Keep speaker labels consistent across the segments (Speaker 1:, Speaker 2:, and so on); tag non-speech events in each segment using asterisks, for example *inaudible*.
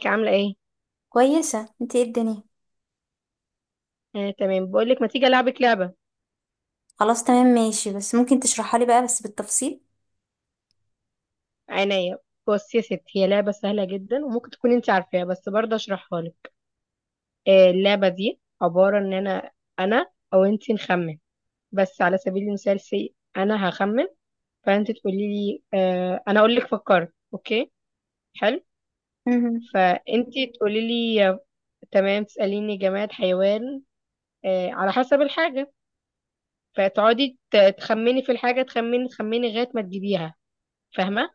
Speaker 1: ازيك؟ عاملة ايه؟
Speaker 2: كويسة، انت؟ ايه الدنيا؟
Speaker 1: آه، تمام. بقولك ما تيجي ألعبك لعبة؟
Speaker 2: خلاص تمام ماشي، بس ممكن تشرحها لي بقى بس بالتفصيل.
Speaker 1: عينيا. بصي يا ستي، هي لعبة سهلة جدا وممكن تكون انت عارفاها بس برضه اشرحها لك. آه، اللعبة دي عبارة ان انا او انت نخمن. بس على سبيل المثال، سي انا هخمن، فانت تقولي لي آه، انا اقول لك فكرت، اوكي؟ حلو.
Speaker 2: مهم.
Speaker 1: فانت تقولي لي تمام، تسأليني جماد، حيوان، آه، على حسب الحاجة. فتقعدي تخمني في الحاجة، تخمني لغاية ما تجيبيها. فاهمة؟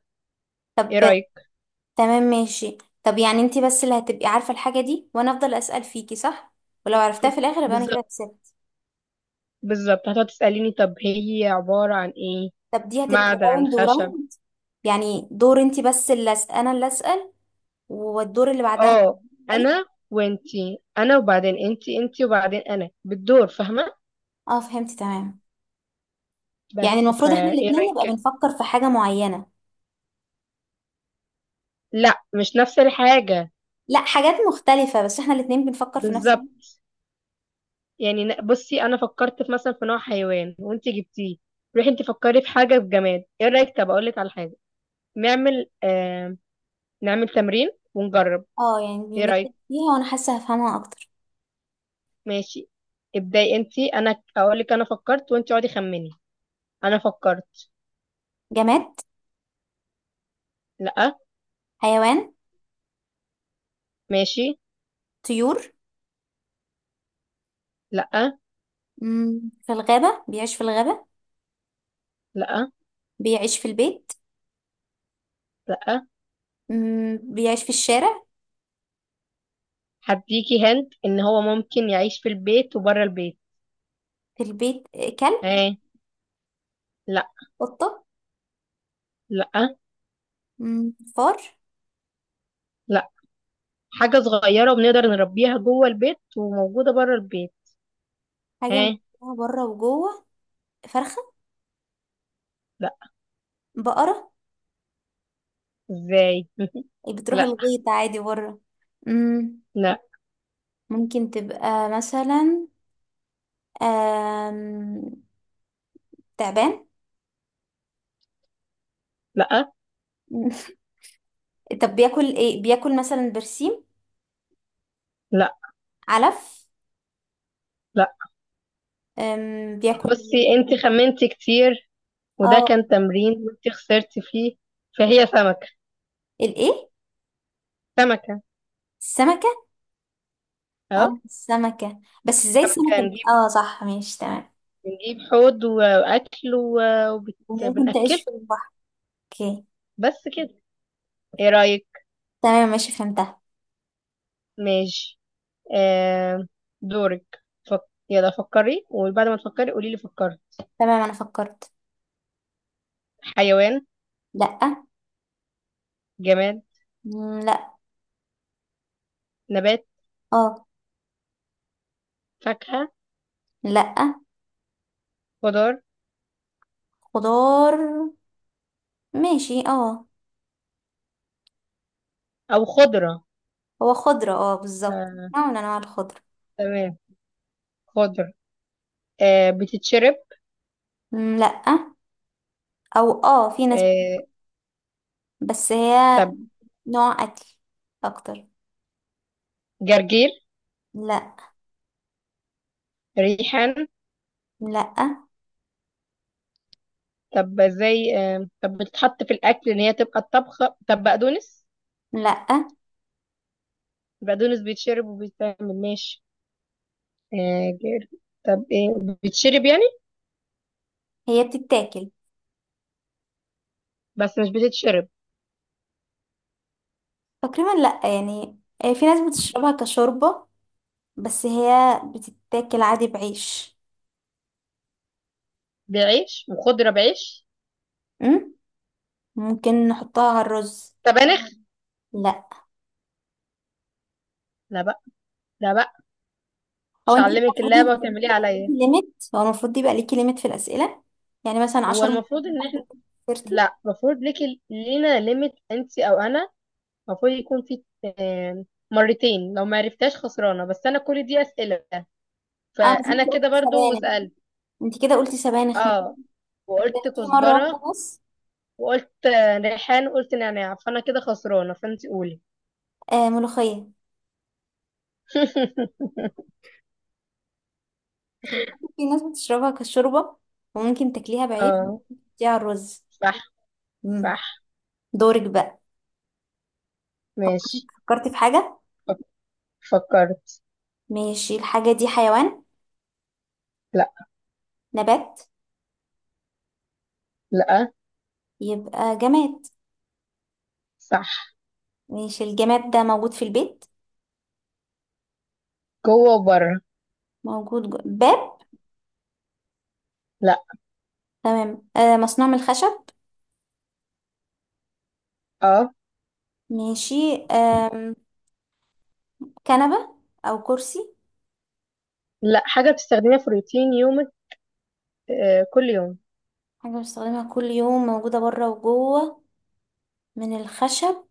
Speaker 1: ايه
Speaker 2: طب
Speaker 1: رأيك؟
Speaker 2: تمام ماشي. طب يعني انت بس اللي هتبقي عارفة الحاجة دي وانا افضل اسأل فيكي، صح؟ ولو عرفتها في الاخر يبقى انا كده
Speaker 1: بالظبط.
Speaker 2: كسبت.
Speaker 1: بالظبط، هتقعد تسأليني طب هي عبارة عن ايه؟
Speaker 2: طب دي هتبقى
Speaker 1: معدن،
Speaker 2: راوند
Speaker 1: خشب.
Speaker 2: وراوند؟ يعني دور انت بس اللي انا اللي اسأل، والدور اللي بعدها
Speaker 1: اه،
Speaker 2: تسألي.
Speaker 1: انا وانتي، انا وبعدين انتي وبعدين انا بالدور، فاهمة؟
Speaker 2: اه فهمت تمام. يعني
Speaker 1: بس
Speaker 2: المفروض احنا
Speaker 1: ايه
Speaker 2: الاتنين
Speaker 1: رأيك
Speaker 2: نبقى
Speaker 1: كده؟
Speaker 2: بنفكر في حاجة معينة؟
Speaker 1: لا، مش نفس الحاجة.
Speaker 2: لا، حاجات مختلفة، بس احنا الاتنين بنفكر في نفس.
Speaker 1: بالظبط. يعني بصي، انا فكرت في مثلا في نوع حيوان وانتي جبتيه، روحي انتي فكري في حاجة في جماد. ايه رأيك؟ طب اقولك على حاجة، نعمل آه نعمل تمرين ونجرب.
Speaker 2: اه يعني
Speaker 1: ايه
Speaker 2: نبدأ
Speaker 1: رأيك؟
Speaker 2: فيها وانا حاسة هفهمها اكتر.
Speaker 1: ماشي، ابداي انتي. انا اقولك انا فكرت وانتي اقعدي خمني. انا فكرت.
Speaker 2: جماد؟
Speaker 1: لا.
Speaker 2: حيوان؟
Speaker 1: ماشي.
Speaker 2: طيور؟
Speaker 1: لا.
Speaker 2: في الغابة، بيعيش في الغابة؟
Speaker 1: لا.
Speaker 2: بيعيش في البيت؟
Speaker 1: لا.
Speaker 2: بيعيش في الشارع؟
Speaker 1: هديكي هند ان هو ممكن يعيش في البيت وبره البيت.
Speaker 2: في البيت، كلب؟
Speaker 1: اه. لا.
Speaker 2: قطة؟
Speaker 1: لا.
Speaker 2: فار؟
Speaker 1: لا. حاجة صغيرة وبنقدر نربيها جوه البيت وموجودة بره البيت.
Speaker 2: حاجة
Speaker 1: اه.
Speaker 2: من بره وجوه. فرخة؟
Speaker 1: لا.
Speaker 2: بقرة؟
Speaker 1: ازاي؟ *laughs*
Speaker 2: بتروح
Speaker 1: لا.
Speaker 2: الغيط عادي بره. مم،
Speaker 1: لا.
Speaker 2: ممكن تبقى مثلا آم، تعبان؟
Speaker 1: لا.
Speaker 2: *laughs* طب بياكل ايه؟ بياكل مثلا برسيم؟
Speaker 1: لا.
Speaker 2: علف؟
Speaker 1: لا.
Speaker 2: بياكل.
Speaker 1: بصي، انت خمنتي كتير وده
Speaker 2: اه
Speaker 1: كان تمرين وانت خسرتي فيه. فهي سمكة.
Speaker 2: الايه؟
Speaker 1: سمكة.
Speaker 2: السمك.
Speaker 1: اهو.
Speaker 2: اه السمكة، بس ازاي
Speaker 1: سمكة،
Speaker 2: السمكة
Speaker 1: نجيب
Speaker 2: اه صح، ماشي تمام.
Speaker 1: نجيب حوض واكل
Speaker 2: وممكن
Speaker 1: وبنأكله.
Speaker 2: تعيش في البحر. اوكي،
Speaker 1: بس كده. ايه رأيك؟
Speaker 2: تمام ماشي فهمتها.
Speaker 1: ماشي. آه، دورك. فك... يلا فكري وبعد ما تفكري قولي لي فكرت.
Speaker 2: تمام انا فكرت.
Speaker 1: حيوان؟
Speaker 2: لأ.
Speaker 1: جماد؟
Speaker 2: لأ.
Speaker 1: نبات؟
Speaker 2: اه.
Speaker 1: فاكهة؟
Speaker 2: لأ.
Speaker 1: خضار.
Speaker 2: خضار. ماشي اه.
Speaker 1: أو خضرة.
Speaker 2: هو خضرة، اه بالظبط
Speaker 1: آه،
Speaker 2: نوع من انواع الخضرة.
Speaker 1: تمام، خضر. آه، بتتشرب؟
Speaker 2: لأ. او اه في ناس.
Speaker 1: آه.
Speaker 2: بس هي
Speaker 1: طب،
Speaker 2: نوع اكل اكتر.
Speaker 1: جرجير؟
Speaker 2: لأ.
Speaker 1: ريحان؟
Speaker 2: لأ.
Speaker 1: طب ازاي؟ طب بتتحط في الأكل إن هي تبقى الطبخة؟ طب، بقدونس؟
Speaker 2: لأ.
Speaker 1: البقدونس بيتشرب وبيتعمل، ماشي. آه جر... طب ايه؟ بتشرب يعني؟
Speaker 2: هي بتتاكل.
Speaker 1: بس مش بتتشرب.
Speaker 2: تقريبا لأ يعني. في ناس بتشربها كشوربة، بس هي بتتاكل عادي بعيش.
Speaker 1: بعيش؟ وخضرة بعيش.
Speaker 2: أم؟ ممكن نحطها على الرز.
Speaker 1: طب أنا.
Speaker 2: لا.
Speaker 1: لا بقى. لا بقى.
Speaker 2: هو
Speaker 1: مش
Speaker 2: انت
Speaker 1: هعلمك
Speaker 2: المفروض
Speaker 1: اللعبة
Speaker 2: يبقى
Speaker 1: وتعمليها
Speaker 2: يبقى ليكي
Speaker 1: عليا.
Speaker 2: ليميت، هو المفروض يبقى ليكي ليميت في الأسئلة، يعني مثلا
Speaker 1: هو
Speaker 2: 10 مرات.
Speaker 1: المفروض ان احنا،
Speaker 2: خسرتي.
Speaker 1: لا المفروض ليك، لينا ليميت انت او انا. المفروض يكون في مرتين لو ما عرفتهاش خسرانة، بس انا كل دي اسئلة،
Speaker 2: اه بس
Speaker 1: فانا
Speaker 2: انت
Speaker 1: كده
Speaker 2: قلتي
Speaker 1: برضو
Speaker 2: سبانخ،
Speaker 1: وسألت.
Speaker 2: انت كده قلتي سبانخ ممكن،
Speaker 1: اه،
Speaker 2: يبقى
Speaker 1: وقلت
Speaker 2: ليكي مرة
Speaker 1: كزبرة،
Speaker 2: واحدة بس.
Speaker 1: وقلت ريحان، وقلت نعناع، فانا كده خسرانة، فانت قولي.
Speaker 2: آه ملوخية.
Speaker 1: *laughs*
Speaker 2: بس برضه في ناس بتشربها كشوربة، وممكن تاكليها بعيش،
Speaker 1: اه،
Speaker 2: دي على الرز.
Speaker 1: صح.
Speaker 2: أم.
Speaker 1: صح.
Speaker 2: دورك بقى. فكرتي
Speaker 1: ماشي.
Speaker 2: فكرتي في حاجة.
Speaker 1: فك- فكرت.
Speaker 2: ماشي، الحاجة دي حيوان؟
Speaker 1: لا.
Speaker 2: نبات؟
Speaker 1: لا.
Speaker 2: يبقى جماد.
Speaker 1: صح.
Speaker 2: ماشي، الجماد ده موجود في البيت؟
Speaker 1: جوه وبره.
Speaker 2: موجود باب؟
Speaker 1: لا.
Speaker 2: تمام. آه مصنوع من الخشب.
Speaker 1: اه.
Speaker 2: ماشي. آه كنبة؟ أو كرسي؟
Speaker 1: لا، حاجة بتستخدميها في روتين يومك، آه، كل يوم.
Speaker 2: حاجة بستخدمها كل يوم، موجودة بره وجوه، من الخشب.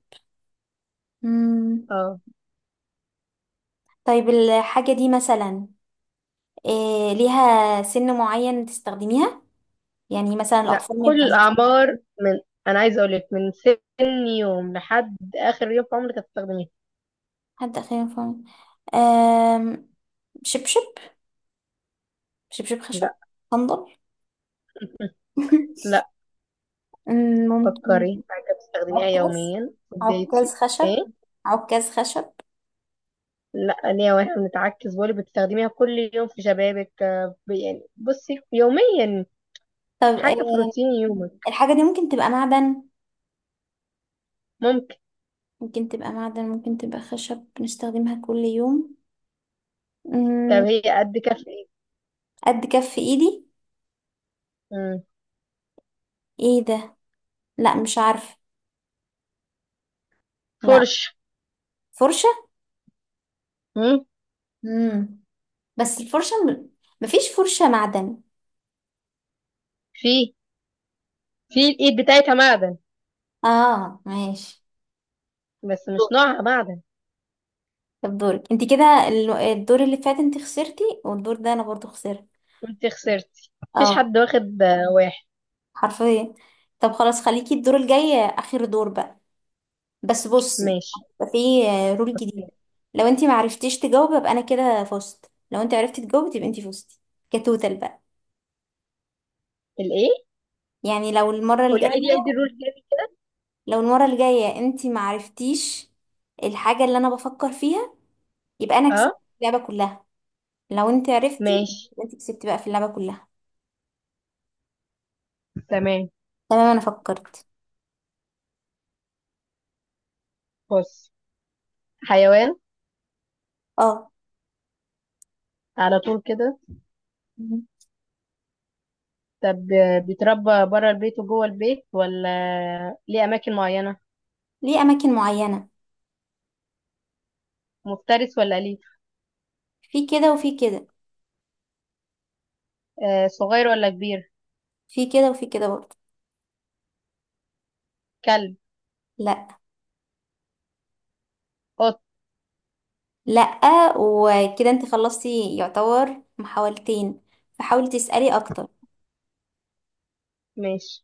Speaker 2: مم.
Speaker 1: اه.
Speaker 2: طيب الحاجة دي مثلا آه ليها سن معين تستخدميها؟ يعني مثلا
Speaker 1: لا،
Speaker 2: الأطفال ما
Speaker 1: كل
Speaker 2: ينفعش؟
Speaker 1: الأعمار، من، أنا عايزة أقولك من سن يوم لحد آخر يوم في عمرك هتستخدميها.
Speaker 2: حد آخر ينفع؟ آه شبشب؟ شبشب خشب؟
Speaker 1: لا.
Speaker 2: صندل؟ *laughs*
Speaker 1: لا.
Speaker 2: ممكن.
Speaker 1: فكري حاجة بتستخدميها
Speaker 2: عكاز؟
Speaker 1: يوميا في بداية
Speaker 2: عكاز خشب؟
Speaker 1: ايه؟
Speaker 2: عكاز خشب.
Speaker 1: لا، ليه واحنا بنتعكس؟ بقولك بتستخدميها كل يوم في شبابك، يعني بصي، يوميا،
Speaker 2: طب
Speaker 1: حاجة في روتين يومك.
Speaker 2: الحاجة دي ممكن تبقى معدن؟
Speaker 1: ممكن.
Speaker 2: ممكن تبقى خشب، بنستخدمها كل يوم.
Speaker 1: طب
Speaker 2: مم.
Speaker 1: هي قد كف ايه؟
Speaker 2: قد كف ايدي.
Speaker 1: مم.
Speaker 2: ايه ده؟ لا مش عارفة. لا.
Speaker 1: فرش.
Speaker 2: فرشة.
Speaker 1: مم.
Speaker 2: مم. بس الفرشة مفيش فرشة معدن.
Speaker 1: في، في الإيد بتاعتها معدن،
Speaker 2: اه ماشي.
Speaker 1: بس
Speaker 2: دور.
Speaker 1: مش نوعها معدن.
Speaker 2: طب دورك انت كده، الدور اللي فات انت خسرتي، والدور ده انا برضو خسرت.
Speaker 1: انت خسرتي، مفيش
Speaker 2: اه
Speaker 1: حد واخد واحد.
Speaker 2: حرفيا. طب خلاص خليكي الدور الجاي اخر دور بقى. بس بصي،
Speaker 1: ماشي.
Speaker 2: يبقى في رول
Speaker 1: بصي.
Speaker 2: جديدة. لو انت ما عرفتيش تجاوبي يبقى انا كده فزت، لو انت عرفتي تجاوبي تبقى انت فزتي. كتوتال بقى.
Speaker 1: الايه؟
Speaker 2: يعني
Speaker 1: قولي ايدي ايدي الرول تاني.
Speaker 2: لو المرة الجاية انت ما عرفتيش الحاجة اللي انا بفكر فيها، يبقى انا كسبت
Speaker 1: اه.
Speaker 2: اللعبة كلها، لو انت عرفتي
Speaker 1: ماشي.
Speaker 2: يبقى انت كسبتي بقى في اللعبة كلها.
Speaker 1: تمام.
Speaker 2: تمام انا فكرت.
Speaker 1: بص، حيوان.
Speaker 2: اه.
Speaker 1: على طول كده.
Speaker 2: مم.
Speaker 1: طب بيتربى بره البيت وجوه البيت، ولا ليه اماكن معينه؟
Speaker 2: ليه اماكن معينة.
Speaker 1: مفترس ولا اليف؟
Speaker 2: في كده وفي كده.
Speaker 1: آه، صغير ولا كبير؟
Speaker 2: في كده وفي كده برضه.
Speaker 1: كلب؟
Speaker 2: لا.
Speaker 1: قط؟
Speaker 2: لأ. وكده انت خلصتي يعتبر محاولتين، فحاولي تسألي أكتر.
Speaker 1: ماشي.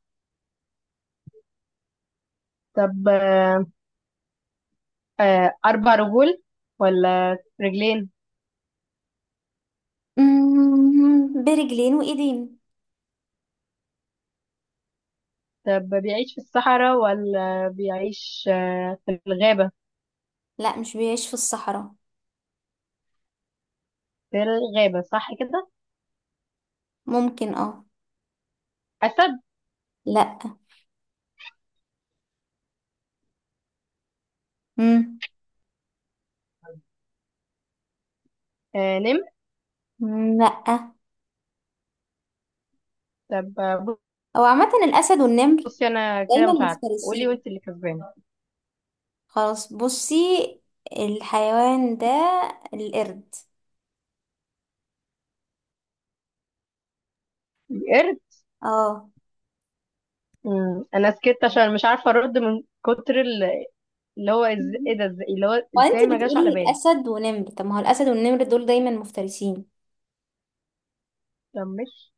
Speaker 1: طب اربع رجول ولا رجلين؟
Speaker 2: برجلين وإيدين.
Speaker 1: طب بيعيش في الصحراء ولا بيعيش في الغابه؟
Speaker 2: لأ مش بيعيش في الصحراء.
Speaker 1: في الغابه، صح كده؟
Speaker 2: ممكن اه.
Speaker 1: أسد؟
Speaker 2: لأ. مم،
Speaker 1: آه، نمر؟
Speaker 2: لأ.
Speaker 1: طب،
Speaker 2: هو عامة الأسد والنمر
Speaker 1: بصي أنا كده
Speaker 2: دايما
Speaker 1: مش عارفة، قولي
Speaker 2: مفترسين.
Speaker 1: وأنت اللي كسبانة.
Speaker 2: خلاص بصي، الحيوان ده القرد.
Speaker 1: القرد.
Speaker 2: اه.
Speaker 1: أنا سكت عشان مش عارفة أرد من كتر اللي هو إيه ده؟ إزاي اللي هو؟
Speaker 2: وانت
Speaker 1: إزاي ما جاش على
Speaker 2: بتقولي
Speaker 1: بالي؟
Speaker 2: أسد ونمر، طب ما هو الأسد والنمر دول دايما مفترسين.
Speaker 1: طب مش،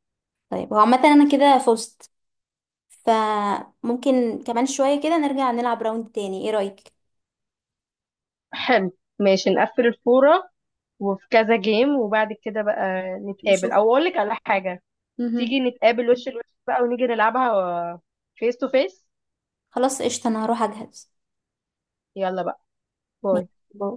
Speaker 2: طيب هو عامة أنا كده فزت. فممكن كمان شوية كده نرجع نلعب راوند تاني، ايه رأيك؟
Speaker 1: حلو، ماشي، نقفل الفورة وفي كذا جيم وبعد كده بقى نتقابل
Speaker 2: نشوف.
Speaker 1: أو أقول لك على حاجة. تيجي
Speaker 2: مهم.
Speaker 1: نتقابل وش لوش بقى ونيجي نلعبها فيس تو فيس.
Speaker 2: خلاص قشطة، انا هروح اجهز.
Speaker 1: يلا بقى.
Speaker 2: ماشي،
Speaker 1: باي.
Speaker 2: باي.